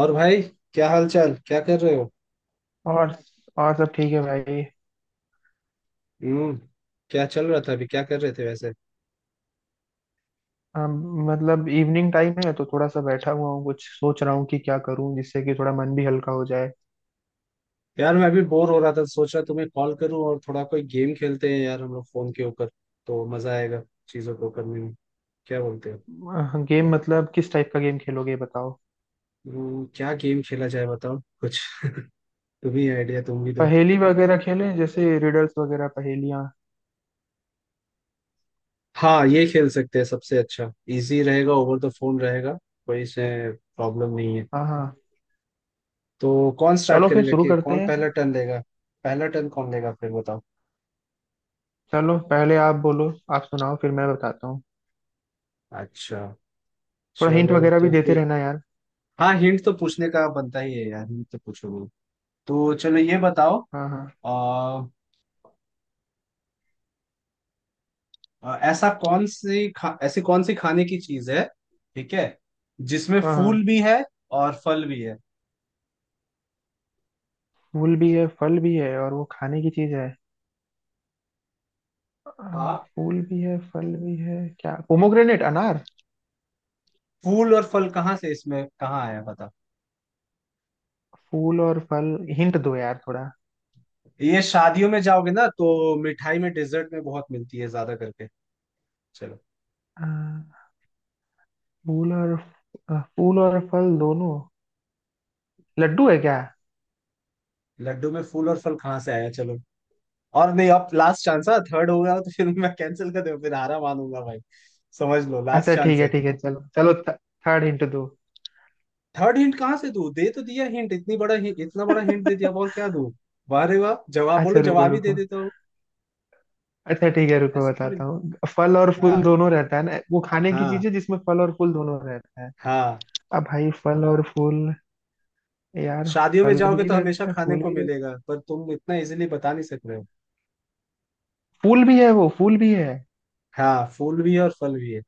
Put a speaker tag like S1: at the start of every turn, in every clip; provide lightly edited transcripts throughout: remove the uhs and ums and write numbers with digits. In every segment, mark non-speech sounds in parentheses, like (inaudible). S1: और भाई, क्या हाल चाल? क्या कर रहे हो?
S2: और और सब ठीक है भाई।
S1: हम्म। क्या चल रहा था? अभी क्या कर रहे थे वैसे?
S2: हम मतलब इवनिंग टाइम है तो थोड़ा सा बैठा हुआ हूँ, कुछ सोच रहा हूँ कि क्या करूँ जिससे कि थोड़ा मन भी हल्का हो जाए।
S1: यार, मैं अभी बोर हो रहा था, सोच रहा तुम्हें कॉल करूं और थोड़ा कोई गेम खेलते हैं यार, हम लोग फोन के ऊपर। तो मजा आएगा चीजों को करने में। क्या बोलते हो?
S2: गेम मतलब किस टाइप का गेम खेलोगे ये बताओ।
S1: क्या गेम खेला जाए? बताओ कुछ। (laughs) तुम ही आइडिया, तुम भी दो।
S2: पहेली वगैरह खेलें, जैसे रिडल्स वगैरह, पहेलियाँ।
S1: हाँ, ये खेल सकते हैं, सबसे अच्छा। इजी रहेगा, ओवर द फोन रहेगा। कोई इसमें प्रॉब्लम नहीं है।
S2: हाँ हाँ।
S1: तो कौन स्टार्ट
S2: चलो फिर
S1: करेगा,
S2: शुरू
S1: कि
S2: करते
S1: कौन पहला
S2: हैं।
S1: टर्न लेगा? पहला टर्न कौन लेगा फिर? बताओ।
S2: चलो पहले आप बोलो, आप सुनाओ फिर मैं बताता हूँ।
S1: अच्छा।
S2: थोड़ा हिंट
S1: चलो
S2: वगैरह भी
S1: तो
S2: देते
S1: फिर।
S2: रहना यार।
S1: हाँ, हिंट तो पूछने का बनता ही है यार, हिंट तो पूछोगे। तो चलो, ये बताओ।
S2: हाँ हाँ।
S1: आ, आ, ऐसा कौन सी खा, ऐसी कौन सी खाने की चीज है? ठीक है। जिसमें
S2: हाँ
S1: फूल
S2: हाँ।
S1: भी है और फल भी है।
S2: फूल भी है, फल भी है और वो खाने की चीज है।
S1: हाँ।
S2: फूल भी है फल भी है, क्या पोमोग्रेनेट, अनार।
S1: फूल और फल कहाँ से, इसमें कहाँ आया? बता।
S2: फूल और फल, हिंट दो यार थोड़ा।
S1: ये शादियों में जाओगे ना, तो मिठाई में, डेजर्ट में बहुत मिलती है ज्यादा करके। चलो।
S2: अ, फूल और फूल और फल दोनों, लड्डू है क्या।
S1: लड्डू में फूल और फल कहाँ से आया? चलो। और नहीं, अब लास्ट चांस है। थर्ड होगा तो फिर मैं कैंसिल कर दूं, फिर हारा मानूंगा भाई। समझ लो, लास्ट
S2: अच्छा
S1: चांस
S2: ठीक है
S1: है।
S2: ठीक है, चलो चलो। थर्ड हिंट दो।
S1: थर्ड हिंट कहाँ से दूँ? दे तो दिया हिंट, इतनी बड़ा हिंट इतना बड़ा हिंट दे
S2: (laughs)
S1: दिया, अब और क्या दूँ? वाह रे वाह, जवाब बोलो,
S2: अच्छा रुको
S1: जवाब ही दे
S2: रुको,
S1: देता हूँ।
S2: अच्छा ठीक है रुको
S1: ऐसे थोड़ी।
S2: बताता हूँ। फल और
S1: हाँ,
S2: फूल दोनों रहता है ना, वो खाने की
S1: हाँ,
S2: चीज है जिसमें फल और फूल दोनों रहता है।
S1: हाँ।
S2: अब भाई फल और फूल यार,
S1: शादियों में
S2: फल
S1: जाओगे
S2: भी
S1: तो हमेशा
S2: रहता है
S1: खाने
S2: फूल
S1: को
S2: भी रहता है,
S1: मिलेगा, पर तुम इतना इजीली बता नहीं सक रहे हो।
S2: फूल भी है वो, फूल भी है।
S1: हाँ, फूल भी है और फल भी है।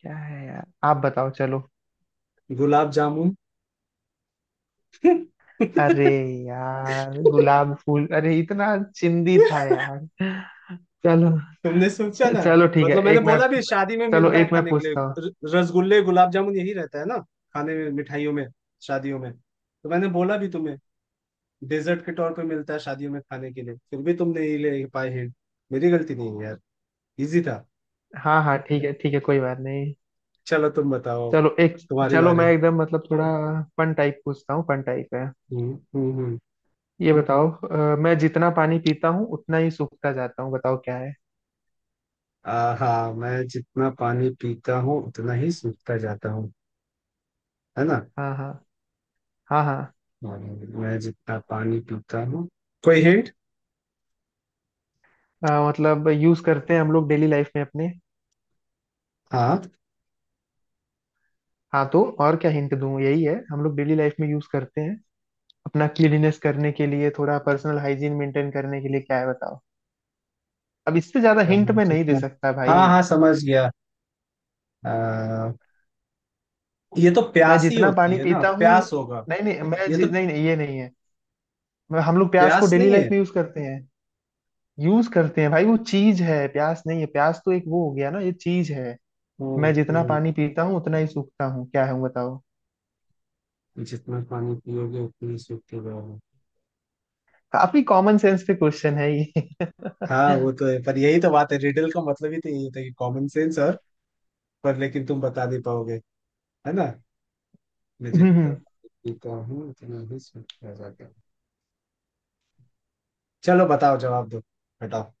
S2: क्या है यार, आप बताओ चलो।
S1: गुलाब जामुन।
S2: अरे
S1: (laughs)
S2: यार गुलाब फूल, अरे इतना चिंदी था यार। चलो।
S1: तुमने सोचा ना।
S2: चलो ठीक है,
S1: मतलब मैंने
S2: एक मैं
S1: बोला भी, शादी में
S2: चलो
S1: मिलता है
S2: एक मैं
S1: खाने के लिए,
S2: पूछता हूँ।
S1: रसगुल्ले, गुलाब जामुन, यही रहता है ना। खाने में, मिठाइयों में। शादियों में तो मैंने बोला भी तुम्हें। डेजर्ट के तौर पे मिलता है शादियों में खाने के लिए, फिर भी तुम नहीं ले पाए हिंट। मेरी गलती नहीं है यार। इजी था।
S2: हाँ हाँ ठीक है ठीक है, कोई बात नहीं।
S1: चलो, तुम बताओ।
S2: चलो एक,
S1: तुम्हारे
S2: चलो
S1: बारे।
S2: मैं एकदम मतलब थोड़ा फन टाइप पूछता हूँ, फन टाइप है।
S1: हम्म, हम्म,
S2: ये बताओ, मैं जितना पानी पीता हूँ उतना ही सूखता जाता हूँ, बताओ क्या है।
S1: हाँ, मैं जितना पानी पीता हूँ उतना ही सूखता जाता हूँ। है ना।
S2: हाँ हाँ। हाँ हाँ।
S1: और मैं जितना पानी पीता हूँ। कोई हिंट?
S2: मतलब यूज करते हैं हम लोग डेली लाइफ में अपने।
S1: हाँ,
S2: हाँ तो और क्या हिंट दूँ, यही है हम लोग डेली लाइफ में यूज करते हैं अपना क्लीनिनेस करने के लिए, थोड़ा पर्सनल हाइजीन मेंटेन करने के लिए, क्या है बताओ। अब इससे ज्यादा हिंट
S1: मैं
S2: मैं नहीं दे
S1: जितना।
S2: सकता भाई।
S1: हाँ, हाँ, समझ गया। आ, ये तो
S2: मैं
S1: प्यास ही
S2: जितना
S1: होती
S2: पानी
S1: है ना,
S2: पीता हूँ,
S1: प्यास होगा।
S2: नहीं नहीं,
S1: ये तो।
S2: नहीं नहीं ये नहीं है। मैं हम लोग प्याज को
S1: प्यास
S2: डेली
S1: नहीं
S2: लाइफ
S1: है।
S2: में यूज करते हैं, यूज करते हैं भाई वो चीज है, प्याज नहीं है, प्याज तो एक वो हो गया ना, ये चीज है।
S1: हम्म,
S2: मैं जितना पानी पीता हूँ उतना ही सूखता हूँ, क्या है बताओ।
S1: जितना पानी पियोगे उतनी सूखते जाओगे।
S2: काफी कॉमन सेंस पे क्वेश्चन है ये।
S1: हाँ,
S2: (laughs)
S1: वो तो है, पर यही तो बात है, रिडल का मतलब ही तो यही होता है, कि कॉमन सेंस और। पर लेकिन तुम बता नहीं पाओगे। है ना। मैं जितना
S2: हम्म,
S1: जीता हूँ उतना ही सूखता जाता हूँ। चलो, बताओ, जवाब दो। बताओ।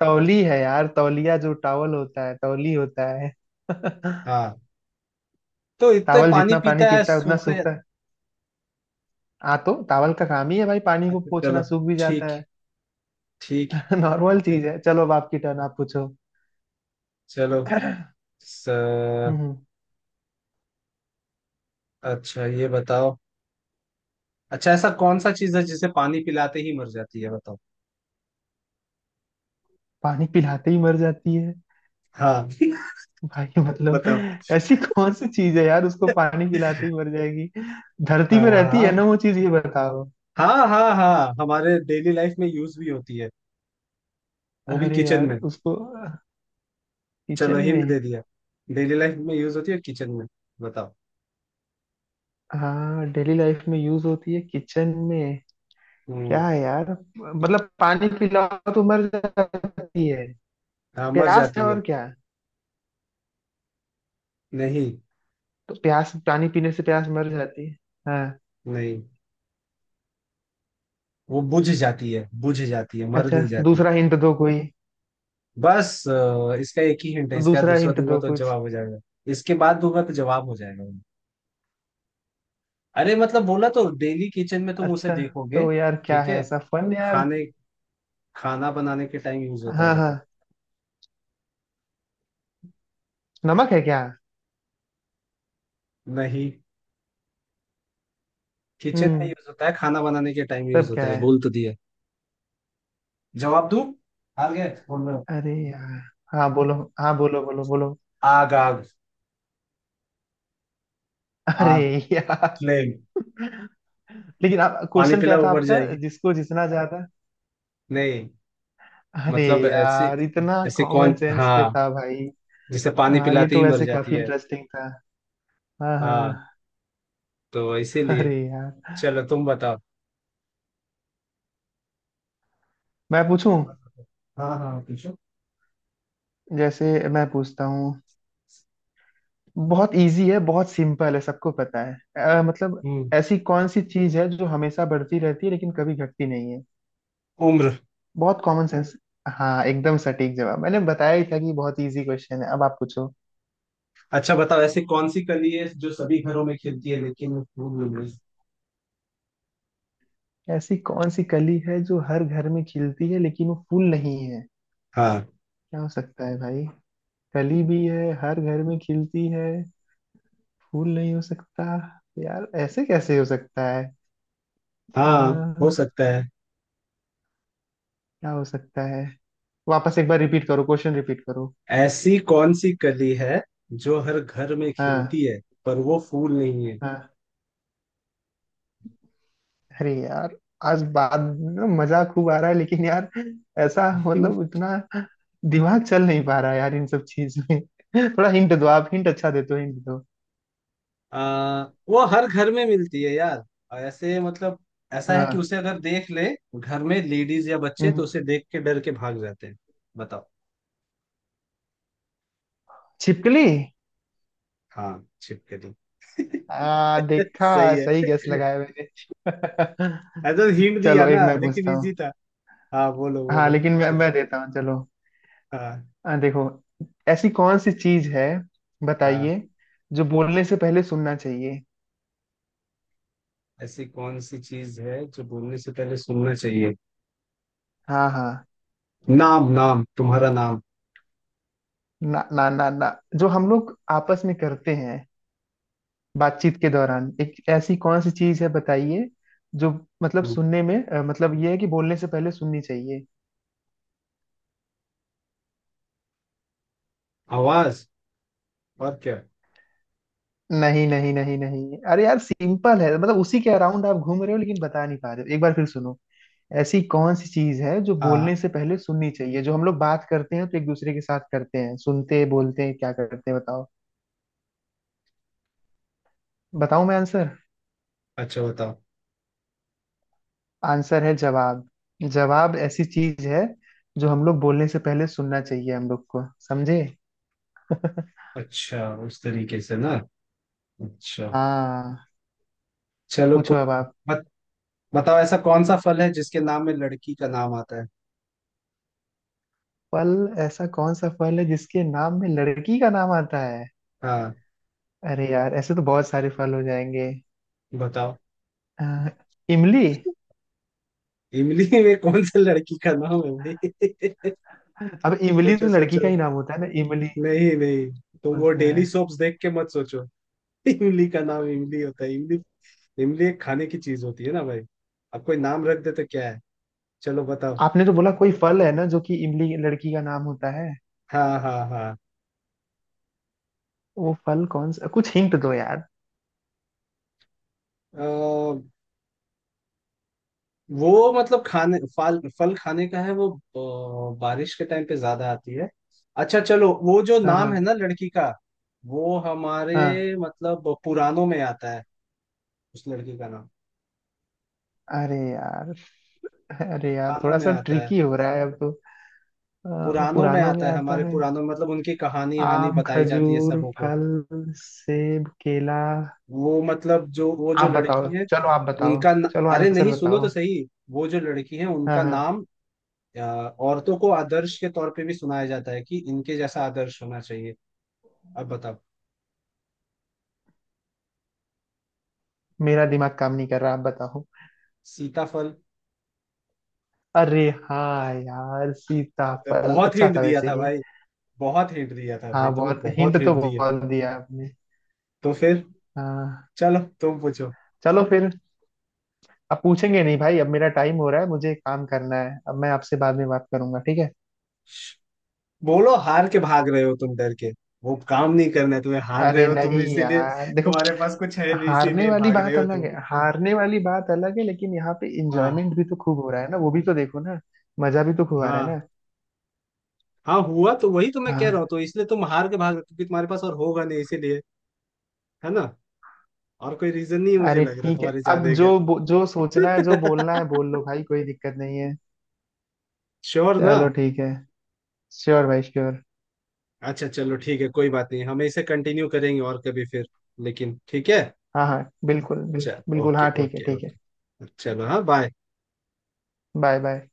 S2: तौली है यार, तौलिया जो टावल होता है, तौली होता है। (laughs)
S1: हाँ, तो इतना
S2: टावल
S1: पानी
S2: जितना पानी
S1: पीता है,
S2: पीता है उतना
S1: सूखता है।
S2: सूखता है। हाँ तो टावल का काम ही है भाई पानी को
S1: अच्छा,
S2: पोंछना,
S1: चलो।
S2: सूख भी
S1: ठीक।
S2: जाता है।
S1: ठीक।
S2: (laughs) नॉर्मल चीज
S1: चलो,
S2: है, चलो अब आपकी टर्न, आप पूछो।
S1: चलो। स...
S2: हम्म।
S1: अच्छा, ये बताओ। अच्छा, ऐसा कौन सा चीज है जिसे पानी पिलाते ही मर जाती है? बताओ।
S2: पानी पिलाते ही मर जाती है,
S1: हाँ। (laughs)
S2: भाई मतलब
S1: बताओ।
S2: ऐसी कौन सी चीज है यार उसको पानी पिलाते ही मर जाएगी। धरती
S1: हाँ,
S2: पे रहती है
S1: हाँ।
S2: ना वो चीज, ये बताओ।
S1: हाँ, हाँ, हाँ, हमारे डेली लाइफ में यूज भी होती है। वो भी
S2: अरे
S1: किचन
S2: यार
S1: में।
S2: उसको,
S1: चलो,
S2: किचन
S1: हिंट
S2: में।
S1: दे दिया। डेली लाइफ में यूज होती है, किचन में। बताओ।
S2: हाँ डेली लाइफ में यूज होती है किचन में।
S1: हम्म।
S2: क्या है यार, मतलब पानी पिलाओ तो मर जाती है,
S1: हाँ, मर
S2: प्यास है
S1: जाती है।
S2: और क्या,
S1: नहीं।
S2: तो प्यास पानी पीने से प्यास मर जाती है। हाँ।
S1: नहीं, वो बुझ जाती है, बुझ जाती है, मर
S2: अच्छा,
S1: नहीं जाती।
S2: दूसरा हिंट दो कोई,
S1: बस इसका एक ही हिंट है,
S2: तो
S1: इसका
S2: दूसरा
S1: दूसरा
S2: हिंट
S1: दूंगा
S2: दो
S1: तो
S2: कुछ।
S1: जवाब हो जाएगा। इसके बाद दूंगा तो जवाब हो जाएगा। अरे, मतलब बोला तो, डेली किचन में तुम उसे
S2: अच्छा,
S1: देखोगे।
S2: तो यार क्या
S1: ठीक
S2: है
S1: है।
S2: ऐसा फन यार।
S1: खाने। खाना बनाने के टाइम यूज होता
S2: हाँ
S1: है
S2: हाँ,
S1: मतलब।
S2: नमक है क्या।
S1: नहीं। किचन में
S2: हम्म,
S1: यूज होता है, खाना बनाने के टाइम यूज
S2: तब क्या
S1: होता है,
S2: है।
S1: बोल तो दिया। जवाब दूं? हार गए, बोल रहे हो?
S2: अरे यार, हाँ बोलो, हाँ बोलो बोलो बोलो।
S1: आग, आग।
S2: अरे
S1: आग।
S2: यार,
S1: फ्लेम।
S2: लेकिन आप
S1: पानी
S2: क्वेश्चन
S1: पिला
S2: क्या था
S1: उबर
S2: आपका
S1: जाएगी।
S2: जिसको जितना ज्यादा,
S1: नहीं।
S2: अरे
S1: मतलब ऐसे।
S2: यार इतना
S1: ऐसे कौन,
S2: कॉमन सेंस पे
S1: हाँ।
S2: था भाई।
S1: जिसे पानी
S2: हाँ ये
S1: पिलाते
S2: तो
S1: ही मर
S2: वैसे
S1: जाती
S2: काफी
S1: है।
S2: इंटरेस्टिंग था। हाँ
S1: हाँ।
S2: हाँ।
S1: तो इसीलिए।
S2: अरे यार।
S1: चलो, तुम बताओ।
S2: मैं पूछूं,
S1: हाँ, हाँ, पूछो।
S2: जैसे, मैं पूछता हूँ, बहुत इजी है, बहुत सिंपल है, सबको पता है। मतलब
S1: हम्म।
S2: ऐसी कौन सी चीज है जो हमेशा बढ़ती रहती है लेकिन कभी घटती नहीं है।
S1: उम्र।
S2: बहुत कॉमन सेंस, हाँ एकदम सटीक जवाब। मैंने बताया ही था कि बहुत इजी क्वेश्चन है, अब आप पूछो।
S1: अच्छा, बताओ, ऐसी कौन सी कली है जो सभी घरों में खिलती है लेकिन फूल नहीं?
S2: ऐसी कौन सी कली है जो हर घर में खिलती है लेकिन वो फूल नहीं है,
S1: हाँ।
S2: क्या हो सकता है भाई। कली भी है, हर घर में खिलती है, फूल नहीं हो सकता, यार ऐसे कैसे हो सकता है।
S1: हाँ, हो
S2: क्या
S1: सकता है।
S2: हो सकता है, वापस एक बार रिपीट करो, क्वेश्चन रिपीट करो।
S1: ऐसी कौन सी कली है जो हर घर में
S2: हाँ।
S1: खिलती है, पर वो फूल नहीं है?
S2: हाँ। अरे यार आज बाद में मजा खूब आ रहा है लेकिन यार, ऐसा मतलब
S1: (laughs)
S2: इतना दिमाग चल नहीं पा रहा है यार इन सब चीज में। (laughs) थोड़ा हिंट दो आप, हिंट अच्छा देते हो, हिंट दो।
S1: आ, वो हर घर में मिलती है यार। और ऐसे मतलब। ऐसा है कि
S2: हाँ।
S1: उसे अगर देख ले घर में लेडीज या बच्चे, तो
S2: हम्म,
S1: उसे देख के डर के भाग जाते हैं। बताओ।
S2: छिपकली।
S1: हाँ, छिपकली। (laughs) सही
S2: देखा,
S1: है।
S2: सही गेस लगाया मैंने।
S1: ऐसा
S2: (laughs)
S1: हिंट दिया
S2: चलो एक
S1: ना,
S2: मैं
S1: लेकिन
S2: पूछता
S1: इजी
S2: हूँ।
S1: था। हाँ, बोलो,
S2: हाँ
S1: बोलो।
S2: लेकिन मैं
S1: चलो।
S2: मैं देता हूँ, चलो।
S1: हाँ।
S2: देखो, ऐसी कौन सी चीज है,
S1: हाँ,
S2: बताइए, जो बोलने से पहले सुनना चाहिए।
S1: ऐसी कौन सी चीज है जो बोलने से पहले सुनना चाहिए?
S2: हाँ हाँ।
S1: नाम, नाम तुम्हारा नाम।
S2: ना ना ना ना, जो हम लोग आपस में करते हैं बातचीत के दौरान, एक ऐसी कौन सी चीज है बताइए जो मतलब
S1: हम्म।
S2: सुनने में, मतलब ये है कि बोलने से पहले सुननी चाहिए।
S1: आवाज। और क्या?
S2: नहीं नहीं नहीं नहीं, अरे यार सिंपल है, मतलब उसी के अराउंड आप घूम रहे हो लेकिन बता नहीं पा रहे हो, एक बार फिर सुनो। ऐसी कौन सी चीज है जो
S1: हाँ।
S2: बोलने से पहले सुननी चाहिए, जो हम लोग बात करते हैं तो एक दूसरे के साथ करते हैं, सुनते हैं, बोलते हैं, क्या करते हैं बताओ। बताऊं मैं आंसर,
S1: अच्छा, बताओ।
S2: आंसर है जवाब, जवाब ऐसी चीज है जो हम लोग बोलने से पहले सुनना चाहिए, हम लोग को समझे।
S1: अच्छा, उस तरीके से ना। अच्छा।
S2: हाँ,
S1: चलो,
S2: पूछो अब
S1: कोई।
S2: आप।
S1: बत, बताओ, ऐसा कौन सा फल है जिसके नाम में लड़की का नाम आता है?
S2: फल, ऐसा कौन सा फल है जिसके नाम में लड़की का नाम आता है,
S1: हाँ।
S2: अरे यार ऐसे तो बहुत सारे फल हो जाएंगे।
S1: बताओ।
S2: अह, इमली।
S1: इमली में कौन सा लड़की का नाम है भाई? (laughs)
S2: अब इमली
S1: सोचो,
S2: तो लड़की का
S1: सोचो।
S2: ही नाम होता है ना, इमली,
S1: नहीं, नहीं। तुम
S2: कौन
S1: वो
S2: सा है।
S1: डेली सोप्स देख के मत सोचो। (laughs) इमली का नाम इमली होता है, इमली। इमली एक खाने की चीज होती है ना भाई। अब कोई नाम रख दे तो क्या है? चलो, बताओ।
S2: आपने तो बोला कोई फल है ना, जो कि इमली लड़की का नाम होता है,
S1: हाँ, हाँ,
S2: वो फल कौन सा, कुछ हिंट दो यार।
S1: हाँ। वो मतलब खाने फल, फल खाने का है वो। बारिश के टाइम पे ज्यादा आती है। अच्छा, चलो, वो जो नाम है
S2: हाँ
S1: ना लड़की का। वो
S2: हाँ।
S1: हमारे मतलब पुराणों में आता है। उस लड़की का नाम।
S2: अरे यार, अरे यार
S1: पुराणों
S2: थोड़ा
S1: में
S2: सा
S1: आता है।
S2: ट्रिकी हो रहा है अब तो।
S1: पुराणों में
S2: पुरानों में
S1: आता है
S2: आता
S1: हमारे
S2: है।
S1: पुराणों में, मतलब उनकी कहानी वहानी
S2: आम,
S1: बताई जाती है
S2: खजूर,
S1: सबों को।
S2: फल, सेब, केला,
S1: वो मतलब जो वो जो
S2: आप बताओ
S1: लड़की है।
S2: चलो, आप बताओ,
S1: उनका न...
S2: चलो
S1: अरे
S2: आंसर
S1: नहीं, सुनो
S2: बताओ।
S1: तो सही। वो जो लड़की है
S2: हाँ
S1: उनका
S2: हाँ।
S1: नाम। औरतों को आदर्श के तौर पे भी सुनाया जाता है, कि इनके जैसा आदर्श होना चाहिए। अब बताओ।
S2: मेरा दिमाग काम नहीं कर रहा, आप बताओ।
S1: सीताफल।
S2: अरे हाँ यार, सीताफल,
S1: बहुत
S2: अच्छा
S1: हिंट
S2: था
S1: दिया
S2: वैसे
S1: था
S2: ये।
S1: भाई। बहुत हिंट दिया था भाई,
S2: हाँ
S1: तुम्हें
S2: बहुत हिंट
S1: बहुत
S2: तो
S1: हिंट दिए।
S2: बहुत दिया आपने।
S1: तो फिर।
S2: हाँ।
S1: चलो, तुम पूछो।
S2: चलो फिर, अब पूछेंगे नहीं भाई, अब मेरा टाइम हो रहा है, मुझे काम करना है, अब मैं आपसे बाद में बात करूंगा, ठीक है।
S1: बोलो, हार के भाग रहे हो तुम, डर के। वो काम नहीं करना है तुम्हें, हार रहे
S2: अरे
S1: हो
S2: नहीं
S1: तुम इसीलिए।
S2: यार देखो,
S1: तुम्हारे पास कुछ है नहीं,
S2: हारने
S1: इसीलिए
S2: वाली
S1: भाग रहे
S2: बात
S1: हो
S2: अलग
S1: तुम।
S2: है, हारने वाली बात अलग है, लेकिन यहाँ पे
S1: हाँ,
S2: इंजॉयमेंट भी तो खूब हो रहा है ना, वो भी तो देखो ना, मजा भी तो खूब आ रहा है
S1: हाँ,
S2: ना।
S1: हाँ, हुआ तो वही, तो मैं कह रहा हूँ,
S2: हाँ।
S1: तो इसलिए तुम हार के भाग रहे हो, क्योंकि तुम्हारे पास और होगा नहीं, इसीलिए। है ना। और कोई रीजन नहीं है, मुझे
S2: अरे
S1: लग रहा
S2: ठीक है,
S1: तुम्हारे
S2: अब
S1: जाने का।
S2: जो सोचना है जो बोलना है
S1: (laughs)
S2: बोल लो भाई, कोई दिक्कत नहीं है।
S1: श्योर ना?
S2: चलो ठीक है, श्योर भाई श्योर।
S1: अच्छा, चलो, ठीक है, कोई बात नहीं, हम इसे कंटिन्यू करेंगे और कभी फिर। लेकिन ठीक है।
S2: हाँ हाँ बिल्कुल,
S1: चल,
S2: बिल्कुल
S1: ओके,
S2: हाँ, ठीक है
S1: ओके,
S2: ठीक है।
S1: ओके, चलो, हाँ, बाय।
S2: Bye bye.